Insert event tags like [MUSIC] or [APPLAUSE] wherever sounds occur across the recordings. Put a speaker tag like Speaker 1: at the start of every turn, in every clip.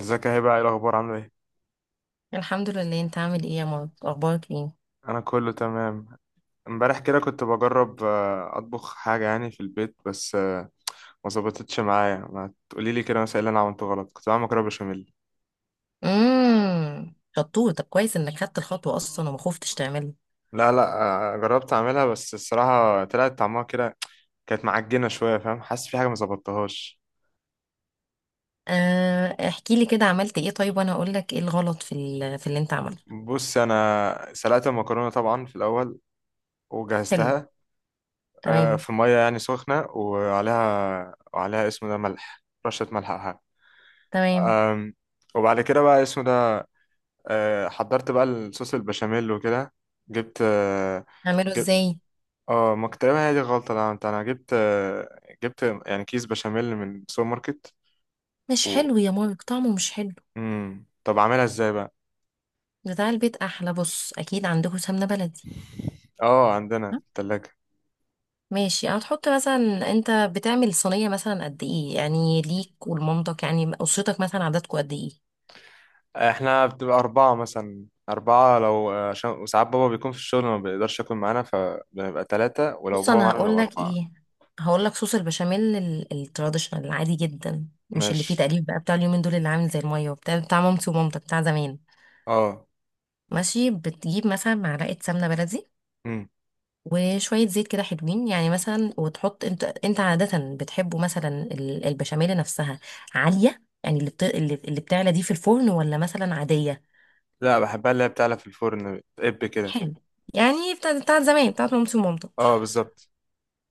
Speaker 1: ازيك يا هبه؟ ايه الاخبار، عامله ايه؟
Speaker 2: الحمد لله. انت عامل ايه يا مارك؟ اخبارك ايه؟
Speaker 1: انا كله تمام. امبارح كده كنت بجرب اطبخ حاجه يعني في البيت، بس ما ظبطتش معايا. ما تقولي لي كده مثلا إيه اللي انا عملته غلط. كنت بعمل مكرونه بشاميل.
Speaker 2: شطور. طب كويس انك خدت الخطوه اصلا وما خفتش تعملها.
Speaker 1: لا، جربت اعملها، بس الصراحه طلعت طعمها كده. كانت معجنه شويه، فاهم؟ حاسس في حاجه ما ظبطتهاش.
Speaker 2: آه، احكي لي كده، عملت ايه؟ طيب وانا اقول لك ايه الغلط في اللي انت عملته.
Speaker 1: بص، انا سلقت المكرونه طبعا في الاول،
Speaker 2: حلو.
Speaker 1: وجهزتها.
Speaker 2: تمام.
Speaker 1: في ميه يعني سخنه، وعليها اسمه ده ملح، رشه ملح أو حاجة.
Speaker 2: تمام.
Speaker 1: أم، وبعد كده بقى اسمه ده حضرت بقى الصوص البشاميل وكده. جبت آه،
Speaker 2: اعمله
Speaker 1: جبت
Speaker 2: ازاي؟
Speaker 1: اه، ما كنت تقريبا هي دي الغلطة اللي عملتها. انا جبت، يعني كيس بشاميل من السوبر ماركت.
Speaker 2: مش
Speaker 1: و
Speaker 2: حلو يا مارك، طعمه مش حلو.
Speaker 1: مم. طب اعملها ازاي بقى؟
Speaker 2: بتاع البيت احلى. بص، اكيد عندكم سمنه بلدي.
Speaker 1: اه، عندنا في
Speaker 2: ها؟
Speaker 1: التلاجة.
Speaker 2: ماشي، هتحط مثلا، انت بتعمل صينيه مثلا قد ايه، يعني ليك ولمامتك، يعني اسرتك مثلا عددكم قد ايه؟
Speaker 1: احنا بتبقى أربعة مثلا، أربعة لو عشان وساعات بابا بيكون في الشغل، ما بيقدرش يكون معانا، فبنبقى تلاتة، ولو
Speaker 2: بص
Speaker 1: بابا
Speaker 2: انا
Speaker 1: معانا
Speaker 2: هقول
Speaker 1: بنبقى
Speaker 2: لك
Speaker 1: أربعة.
Speaker 2: ايه. هقول لك صوص البشاميل التراديشنال، العادي جدا، مش اللي فيه
Speaker 1: ماشي.
Speaker 2: تقليب بقى بتاع اليومين دول، اللي عامل زي الميه، وبتاع مامتي ومامتك، بتاع زمان.
Speaker 1: اه.
Speaker 2: ماشي، بتجيب مثلا معلقه سمنه بلدي،
Speaker 1: مم.
Speaker 2: وشويه زيت كده حلوين، يعني مثلا. وتحط، انت عاده بتحبه، مثلا البشاميل نفسها عاليه، يعني اللي بت... اللي اللي بتعلى دي في الفرن، ولا مثلا عاديه؟
Speaker 1: لا، بحبها اللي هي بتعلى في الفرن، بتقب كده.
Speaker 2: حلو. يعني بتاع زمان، بتاعت مامتي ومامتك.
Speaker 1: اه بالظبط.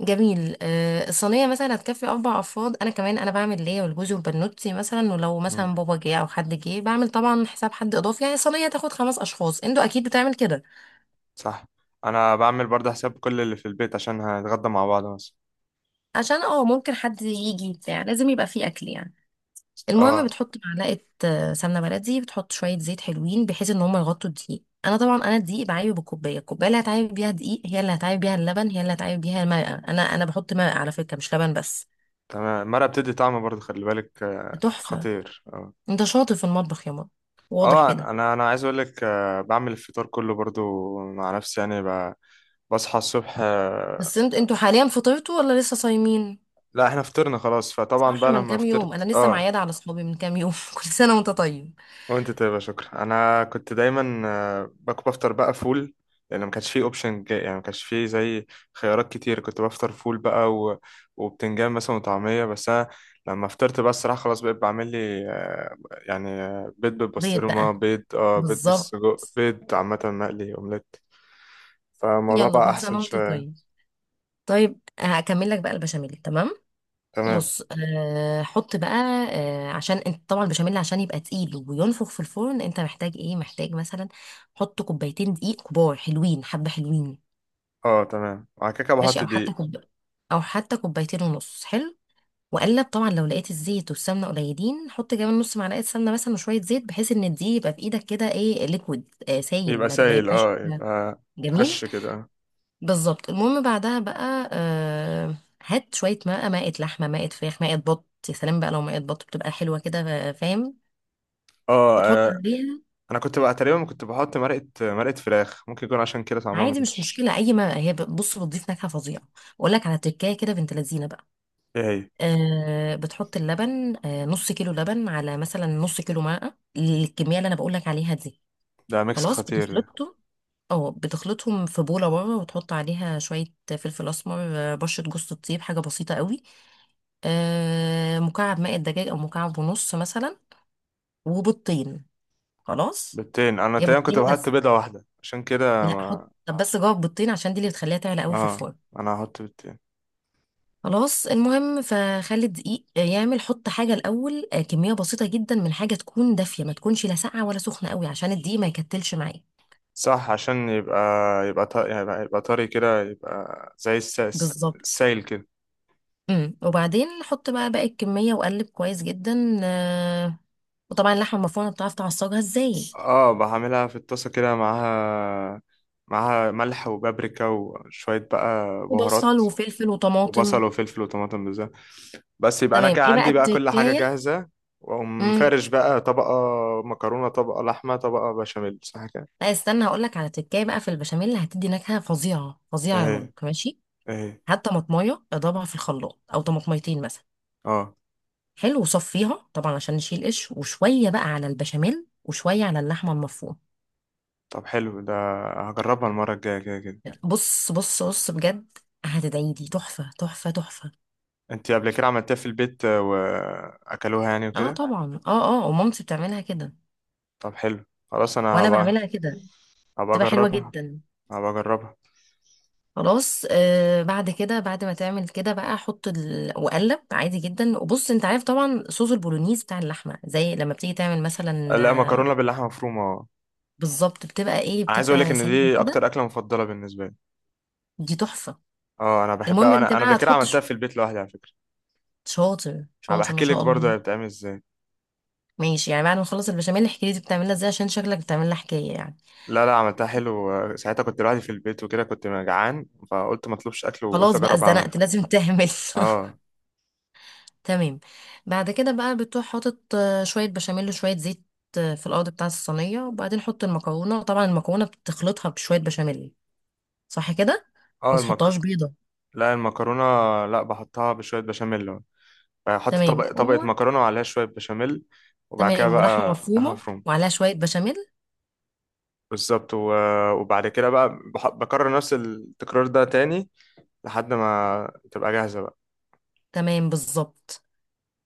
Speaker 2: جميل. الصينية مثلا هتكفي أربع أفراد. أنا كمان أنا بعمل ليا والجوز والبنوتي مثلا، ولو
Speaker 1: مم.
Speaker 2: مثلا بابا جه أو حد جه بعمل طبعا حساب حد إضافي، يعني الصينية تاخد خمس أشخاص. أنتوا أكيد بتعمل كده.
Speaker 1: صح. انا بعمل برضه حساب كل اللي في البيت عشان هنتغدى مع بعض مثلا.
Speaker 2: عشان ممكن حد يجي بتاع، لازم يبقى فيه أكل يعني. المهم
Speaker 1: اه
Speaker 2: بتحط معلقة سمنة بلدي، بتحط شوية زيت حلوين بحيث إن هما يغطوا الدقيق. أنا طبعا أنا الدقيق بعايبه بالكوباية. الكوباية اللي هتعايب بيها دقيق هي اللي هتعايب بيها اللبن، هي اللي هتعايب بيها الماء. أنا بحط ماء على فكرة، مش لبن بس.
Speaker 1: تمام. المرقه بتدي طعم برضه، خلي بالك،
Speaker 2: تحفة.
Speaker 1: خطير اه.
Speaker 2: أنت شاطر في المطبخ يا ماما، واضح
Speaker 1: اه،
Speaker 2: كده.
Speaker 1: انا عايز اقول لك بعمل الفطار كله برضه مع نفسي. بصحى الصبح
Speaker 2: بس انتوا حاليا فطرتوا ولا لسه صايمين؟
Speaker 1: لا احنا فطرنا خلاص، فطبعا
Speaker 2: صح،
Speaker 1: بقى
Speaker 2: من
Speaker 1: لما
Speaker 2: كام يوم، انا
Speaker 1: فطرت
Speaker 2: لسه
Speaker 1: اه،
Speaker 2: معياده على صحابي من كام يوم [LAUGHS] كل سنه وانت طيب.
Speaker 1: وانت طيب، يا شكرا. انا كنت دايما باكل، بفطر بقى فول، لان ما كانش فيه اوبشن، يعني ما كانش فيه خيارات كتير. كنت بفطر فول بقى و... وبتنجان مثلا وطعميه. بس انا لما فطرت بقى الصراحه خلاص بقيت بعمل لي يعني بيض
Speaker 2: بيض
Speaker 1: بالبسطرمه،
Speaker 2: بقى.
Speaker 1: بيض اه بيض
Speaker 2: بالظبط.
Speaker 1: بالسجق، بيض عامه مقلي اومليت. فالموضوع
Speaker 2: يلا،
Speaker 1: بقى
Speaker 2: كل
Speaker 1: احسن
Speaker 2: سنه وانت
Speaker 1: شويه.
Speaker 2: طيب. طيب هكمل لك بقى البشاميل، تمام.
Speaker 1: تمام.
Speaker 2: بص، حط بقى. عشان انت طبعا البشاميل، عشان يبقى تقيل وينفخ في الفرن، انت محتاج ايه؟ محتاج مثلا حط كوبايتين دقيق كبار حلوين، حبه حلوين.
Speaker 1: اه تمام، وبعد كده
Speaker 2: ماشي،
Speaker 1: بحط
Speaker 2: او حتى
Speaker 1: دقيق.
Speaker 2: كوب، او حتى كوبايتين ونص، حلو. واقلب طبعا. لو لقيت الزيت والسمنه قليلين، حط كمان نص معلقه سمنه مثلا وشويه زيت، بحيث ان الدقيق يبقى في ايدك كده ايه، ليكويد، سايل،
Speaker 1: يبقى
Speaker 2: ما
Speaker 1: سايل،
Speaker 2: يبقاش.
Speaker 1: اه يبقى
Speaker 2: جميل،
Speaker 1: هش كده.
Speaker 2: بالظبط. المهم بعدها بقى. هات شويه ماء، مائه لحمه، مائه فراخ، مائه بط، يا سلام بقى لو مائه بط، بتبقى حلوه كده، فاهم؟
Speaker 1: اه
Speaker 2: وتحط عليها.
Speaker 1: انا كنت بقى تقريبا كنت بحط مرقه فراخ، ممكن يكون عشان كده طعمها ما
Speaker 2: عادي، مش
Speaker 1: كانش.
Speaker 2: مشكله اي ماء، هي بص بتضيف نكهه فظيعه. اقول لك على تركايه كده بنت لذينه بقى.
Speaker 1: ايه هي؟
Speaker 2: بتحط اللبن، نص كيلو لبن على مثلا نص كيلو ماء، الكميه اللي انا بقول لك عليها دي.
Speaker 1: ده ميكس
Speaker 2: خلاص
Speaker 1: خطير ده.
Speaker 2: بتخلطهم. اه، بتخلطهم في بوله بره، وتحط عليها شويه فلفل اسمر، بشره جوز الطيب، حاجه بسيطه قوي. مكعب ماء الدجاج او مكعب ونص مثلا. وبيضتين. خلاص.
Speaker 1: بيضتين؟ انا
Speaker 2: هي
Speaker 1: تقريبا
Speaker 2: بيضتين
Speaker 1: كنت بحط
Speaker 2: بس.
Speaker 1: بيضه واحده، عشان كده
Speaker 2: لا
Speaker 1: ما...
Speaker 2: حط، طب بس جوه البيضتين، عشان دي اللي بتخليها تعلى قوي في
Speaker 1: اه،
Speaker 2: الفرن.
Speaker 1: انا هحط بيضتين.
Speaker 2: خلاص. المهم فخلي الدقيق يعمل، حط حاجه الاول، كميه بسيطه جدا من حاجه تكون دافيه، ما تكونش لا ساقعه ولا سخنه قوي، عشان الدقيق ما يكتلش معايا.
Speaker 1: صح، عشان يبقى يبقى طري كده، يبقى زي الساس
Speaker 2: بالظبط.
Speaker 1: السايل كده.
Speaker 2: وبعدين حط بقى باقي الكمية، وقلب كويس جدا، وطبعا اللحمة المفرومة بتعرف تعصجها ازاي.
Speaker 1: اه بعملها في الطاسه كده معاها، معاها ملح وبابريكا وشويه بقى بهارات.
Speaker 2: وبصل وفلفل وطماطم.
Speaker 1: وبصل وفلفل وطماطم بالذات. بس يبقى انا
Speaker 2: تمام.
Speaker 1: كده
Speaker 2: ايه بقى
Speaker 1: عندي بقى كل حاجه
Speaker 2: التكاية؟
Speaker 1: جاهزه. واقوم
Speaker 2: امم.
Speaker 1: فارش بقى طبقه مكرونه، طبقه لحمه، طبقه بشاميل، صح كده؟
Speaker 2: لا استنى، هقول لك على تكاية بقى في البشاميل اللي هتدي نكهة فظيعة فظيعة يا
Speaker 1: اهي
Speaker 2: مامك، ماشي.
Speaker 1: اهي.
Speaker 2: هات طماطمية اضربها في الخلاط، او طماطميتين مثلا.
Speaker 1: اه
Speaker 2: حلو، وصفيها طبعا عشان نشيل قش. وشوية بقى على البشاميل وشوية على اللحمة المفرومة.
Speaker 1: طب حلو ده، هجربها المره الجايه كده كده.
Speaker 2: بص بص بص، بجد هتدعي لي، تحفة تحفة تحفة.
Speaker 1: انت قبل كده عملتها في البيت، واكلوها يعني
Speaker 2: اه
Speaker 1: وكده؟
Speaker 2: طبعا، اه اه، ومامتي بتعملها كده،
Speaker 1: طب حلو. خلاص انا
Speaker 2: وانا
Speaker 1: هبقى،
Speaker 2: بعملها كده،
Speaker 1: هبقى
Speaker 2: بتبقى حلوه
Speaker 1: اجربها،
Speaker 2: جدا.
Speaker 1: هبقى اجربها.
Speaker 2: خلاص. بعد كده، بعد ما تعمل كده بقى، احط واقلب عادي جدا. وبص انت عارف طبعا صوص البولونيز بتاع اللحمه، زي لما بتيجي تعمل مثلا.
Speaker 1: لا، مكرونه باللحمه مفرومه، اه.
Speaker 2: بالظبط، بتبقى ايه،
Speaker 1: انا عايز اقول لك
Speaker 2: بتبقى
Speaker 1: ان
Speaker 2: سايبه
Speaker 1: دي اكتر
Speaker 2: كده.
Speaker 1: اكله مفضله بالنسبه لي.
Speaker 2: دي تحفه.
Speaker 1: اه انا
Speaker 2: المهم
Speaker 1: بحبها.
Speaker 2: انت
Speaker 1: انا قبل
Speaker 2: بقى
Speaker 1: كده
Speaker 2: هتحط
Speaker 1: عملتها في البيت لوحدي على فكره.
Speaker 2: شاطر
Speaker 1: هبقى
Speaker 2: شاطر ما
Speaker 1: احكي لك
Speaker 2: شاء
Speaker 1: برضه
Speaker 2: الله.
Speaker 1: هي بتتعمل ازاي.
Speaker 2: ماشي، يعني بعد ما نخلص البشاميل احكي لي دي بتعملها ازاي، عشان شكلك بتعملها حكايه يعني.
Speaker 1: لا، عملتها حلو ساعتها كنت لوحدي في البيت وكده، كنت جعان فقلت ما اطلبش اكل، وقلت
Speaker 2: خلاص بقى،
Speaker 1: اجرب اعملها.
Speaker 2: اتزنقت لازم تعمل. [LAUGHS]
Speaker 1: اه.
Speaker 2: تمام. بعد كده بقى بتروح حاطط شوية بشاميل وشوية زيت في الأرض بتاعة الصينية، وبعدين حط المكرونة، وطبعا المكرونة بتخلطها بشوية بشاميل، صح كده؟
Speaker 1: اه.
Speaker 2: ما تحطهاش بيضة.
Speaker 1: لا، المكرونه. لا، بحطها بشويه بشاميل يعني. بحط
Speaker 2: تمام،
Speaker 1: طبقه مكرونه وعليها شويه بشاميل. وبعد كده
Speaker 2: تمام، ولحمة
Speaker 1: بقى لحمه
Speaker 2: مفرومة
Speaker 1: مفرومه.
Speaker 2: وعليها شوية بشاميل.
Speaker 1: بالظبط، و... وبعد كده بقى بكرر نفس التكرار ده تاني، لحد ما تبقى جاهزه بقى.
Speaker 2: تمام بالظبط.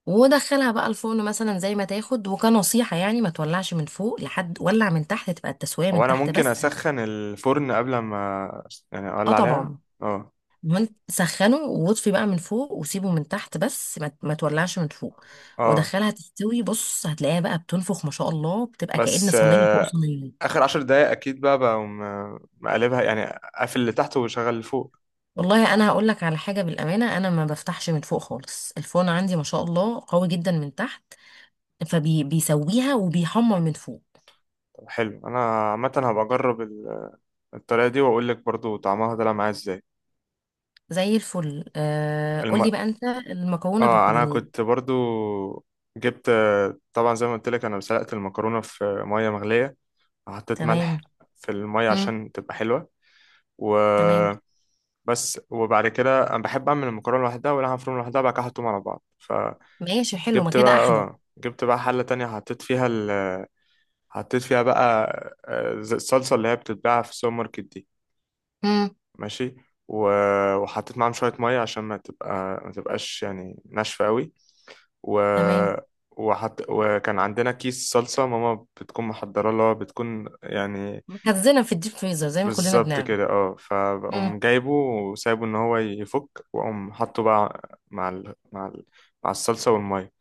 Speaker 2: ودخلها بقى الفرن مثلا زي ما تاخد. وكنصيحة يعني، ما تولعش من فوق لحد، ولع من تحت، تبقى التسوية
Speaker 1: هو
Speaker 2: من
Speaker 1: انا
Speaker 2: تحت
Speaker 1: ممكن
Speaker 2: بس.
Speaker 1: اسخن الفرن قبل ما، يعني
Speaker 2: اه
Speaker 1: اولع عليها؟
Speaker 2: طبعا.
Speaker 1: اه.
Speaker 2: من سخنه، واطفي بقى من فوق، وسيبه من تحت بس، ما تولعش من فوق.
Speaker 1: اه
Speaker 2: ودخلها تستوي، بص هتلاقيها بقى بتنفخ ما شاء الله، بتبقى كأن
Speaker 1: بس
Speaker 2: صينية فوق صينية.
Speaker 1: اخر عشر دقايق اكيد بقى بقوم مقلبها، يعني اقفل اللي تحت وشغل اللي فوق.
Speaker 2: والله انا هقول لك على حاجة بالأمانة، انا ما بفتحش من فوق خالص. الفرن عندي ما شاء الله قوي جدا من تحت، فبيسويها وبيحمر من فوق.
Speaker 1: طب حلو، انا عامه هبقى اجرب الطريقه دي واقول لك برضو طعمها طلع معايا ازاي.
Speaker 2: زي الفل.
Speaker 1: الم...
Speaker 2: قولي بقى انت المكرونة
Speaker 1: اه انا
Speaker 2: بالبولونيز.
Speaker 1: كنت برضو جبت آه، طبعا زي ما قلت لك، انا سلقت المكرونه في ميه مغليه، وحطيت
Speaker 2: تمام.
Speaker 1: ملح في الميه
Speaker 2: مم.
Speaker 1: عشان تبقى حلوه. و
Speaker 2: تمام.
Speaker 1: بس. وبعد كده انا بحب اعمل المكرونه لوحدها واللحمه مفرومه لوحدها، بعد كده احطهم على بعض. فجبت
Speaker 2: ماشي، حلو، ما كده
Speaker 1: بقى،
Speaker 2: احلى.
Speaker 1: اه جبت بقى حله تانية حطيت فيها، حطيت فيها بقى الصلصة اللي هي بتتباع في السوبر ماركت دي.
Speaker 2: مم.
Speaker 1: ماشي. وحطيت معاهم شوية مية عشان ما تبقاش يعني ناشفة قوي. و...
Speaker 2: تمام.
Speaker 1: وكان عندنا كيس صلصة ماما بتكون محضرة، اللي هو بتكون يعني
Speaker 2: مخزنة في الديب فريزر زي ما كلنا
Speaker 1: بالظبط
Speaker 2: بنعمل.
Speaker 1: كده. اه، فبقوم جايبه وسايبه ان هو يفك، واقوم حاطه بقى مع الصلصة والمية.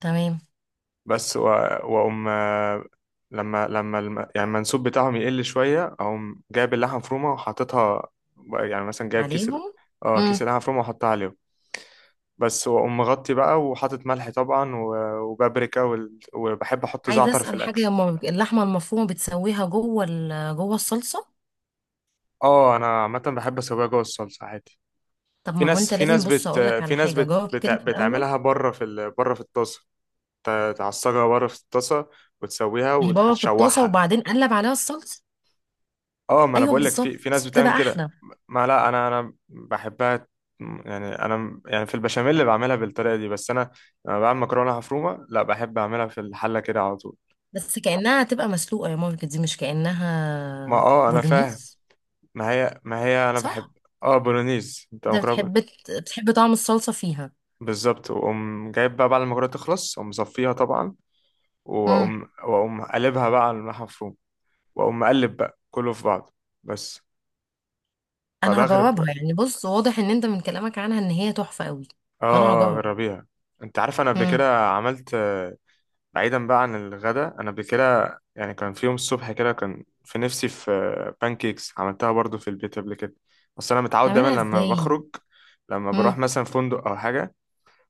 Speaker 2: تمام.
Speaker 1: بس واقوم يعني المنسوب بتاعهم يقل شويه، اقوم جايب اللحمه مفرومه وحاططها، يعني مثلا جايب
Speaker 2: عليهم.
Speaker 1: اه كيس
Speaker 2: امم.
Speaker 1: اللحمه مفرومه وحطها عليهم. بس، واقوم مغطي بقى وحاطط ملح طبعا وبابريكا وبحب احط
Speaker 2: عايزه
Speaker 1: زعتر في
Speaker 2: اسال حاجه،
Speaker 1: الاكل.
Speaker 2: هما اللحمه المفرومه بتسويها جوه جوه الصلصه؟
Speaker 1: اه انا عامه بحب اسويها جوه الصلصه عادي.
Speaker 2: طب
Speaker 1: في
Speaker 2: ما هو
Speaker 1: ناس
Speaker 2: انت
Speaker 1: في
Speaker 2: لازم،
Speaker 1: ناس
Speaker 2: بص
Speaker 1: بت
Speaker 2: اقول لك على
Speaker 1: في ناس
Speaker 2: حاجه،
Speaker 1: بت...
Speaker 2: جاوب
Speaker 1: بت...
Speaker 2: كده في الاول.
Speaker 1: بتعملها بره بره في الطاسه، تعصجها بره في الطاسه وتسويها
Speaker 2: هي بابا في الطاسه،
Speaker 1: وتشوحها.
Speaker 2: وبعدين قلب عليها الصلصه.
Speaker 1: اه، ما انا
Speaker 2: ايوه
Speaker 1: بقول لك، في ناس
Speaker 2: بالظبط،
Speaker 1: بتعمل
Speaker 2: تبقى
Speaker 1: كده.
Speaker 2: احلى.
Speaker 1: ما لا انا انا بحبها، يعني انا يعني في البشاميل اللي بعملها بالطريقه دي، بس انا لما بعمل مكرونه مفرومه لا، بحب اعملها في الحله كده على طول.
Speaker 2: بس كانها هتبقى مسلوقه يا مامي، دي مش
Speaker 1: ما
Speaker 2: كانها
Speaker 1: اه انا فاهم.
Speaker 2: بولونيز.
Speaker 1: ما هي انا بحب
Speaker 2: صح.
Speaker 1: اه بولونيز، انت
Speaker 2: انت
Speaker 1: مكرونه
Speaker 2: بتحب بتحب طعم الصلصه فيها.
Speaker 1: بالظبط. واقوم جايب بقى بعد ما المكرونه تخلص، اقوم مصفيها طبعا،
Speaker 2: امم.
Speaker 1: واقوم قلبها بقى على الملح المفروم، واقوم مقلب بقى كله في بعضه. بس،
Speaker 2: انا
Speaker 1: فبغرب.
Speaker 2: هجربها يعني. بص واضح ان انت من كلامك عنها ان هي تحفه قوي،
Speaker 1: اه.
Speaker 2: فانا
Speaker 1: اه
Speaker 2: هجرب.
Speaker 1: جربيها. انت عارف انا قبل
Speaker 2: امم.
Speaker 1: كده عملت، بعيدا بقى عن الغداء، انا قبل كده يعني كان في يوم الصبح كده كان في نفسي في بانكيكس، عملتها برضو في البيت قبل كده. بس انا متعود دايما
Speaker 2: تعملها
Speaker 1: لما
Speaker 2: ازاي؟
Speaker 1: بخرج، لما بروح مثلا فندق او حاجه،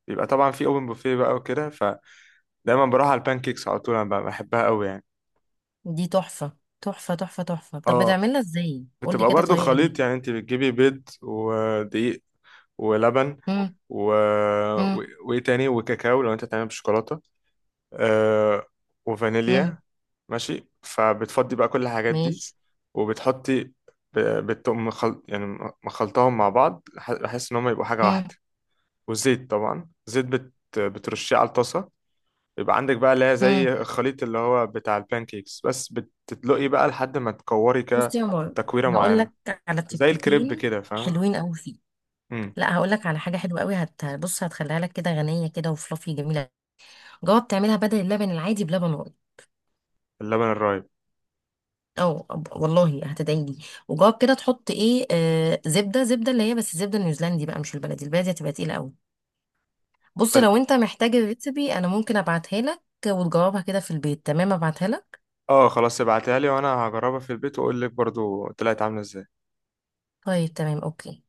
Speaker 1: بيبقى طبعا في اوبن بوفيه بقى وكده، فدايما بروح على البانكيكس على طول. انا بقى بحبها قوي يعني.
Speaker 2: دي تحفة تحفة تحفة تحفة. طب
Speaker 1: اه.
Speaker 2: بتعملها ازاي؟ قولي
Speaker 1: بتبقى
Speaker 2: كده
Speaker 1: برضو
Speaker 2: طريقة ليها.
Speaker 1: خليط، يعني انت بتجيبي بيض ودقيق ولبن
Speaker 2: مم.
Speaker 1: و...
Speaker 2: مم.
Speaker 1: و... وايه تاني، وكاكاو لو انت تعمل بشوكولاته آه...
Speaker 2: مم.
Speaker 1: وفانيليا. ماشي. فبتفضي بقى كل الحاجات دي،
Speaker 2: ماشي.
Speaker 1: وبتحطي ب- بتقوم يعني مخلطاهم مع بعض بحيث ان هم يبقوا حاجه
Speaker 2: مم.
Speaker 1: واحده. والزيت طبعا، بترشيه على الطاسه. يبقى عندك بقى اللي هي
Speaker 2: مم.
Speaker 1: زي الخليط اللي هو بتاع البانكيكس، بس بتدلقي بقى لحد ما تكوري كده،
Speaker 2: بصي يا مار،
Speaker 1: تكويره
Speaker 2: هقول
Speaker 1: معينه،
Speaker 2: لك على
Speaker 1: زي الكريب
Speaker 2: تكتيكين
Speaker 1: كده، فاهمه؟
Speaker 2: حلوين قوي فيك.
Speaker 1: امم.
Speaker 2: لا، هقول لك على حاجة حلوة قوي. بص هتخليها لك كده غنية كده، وفلافي جميلة. جواب تعملها بدل اللبن العادي بلبن رايب.
Speaker 1: اللبن الرايب.
Speaker 2: او والله هتدعي لي. وجواب كده، تحط ايه، زبدة، زبدة اللي هي بس زبدة نيوزيلندي بقى، مش البلدي، البلدي هتبقى تقيلة قوي. بص
Speaker 1: طيب
Speaker 2: لو انت محتاج الريسبي انا ممكن ابعتها لك، وتجاوبها كده في البيت، تمام، ابعتها لك.
Speaker 1: اه، خلاص ابعتها لي وانا هجربها في البيت، واقول لك برضو طلعت عامله ازاي.
Speaker 2: طيب تمام، اوكي.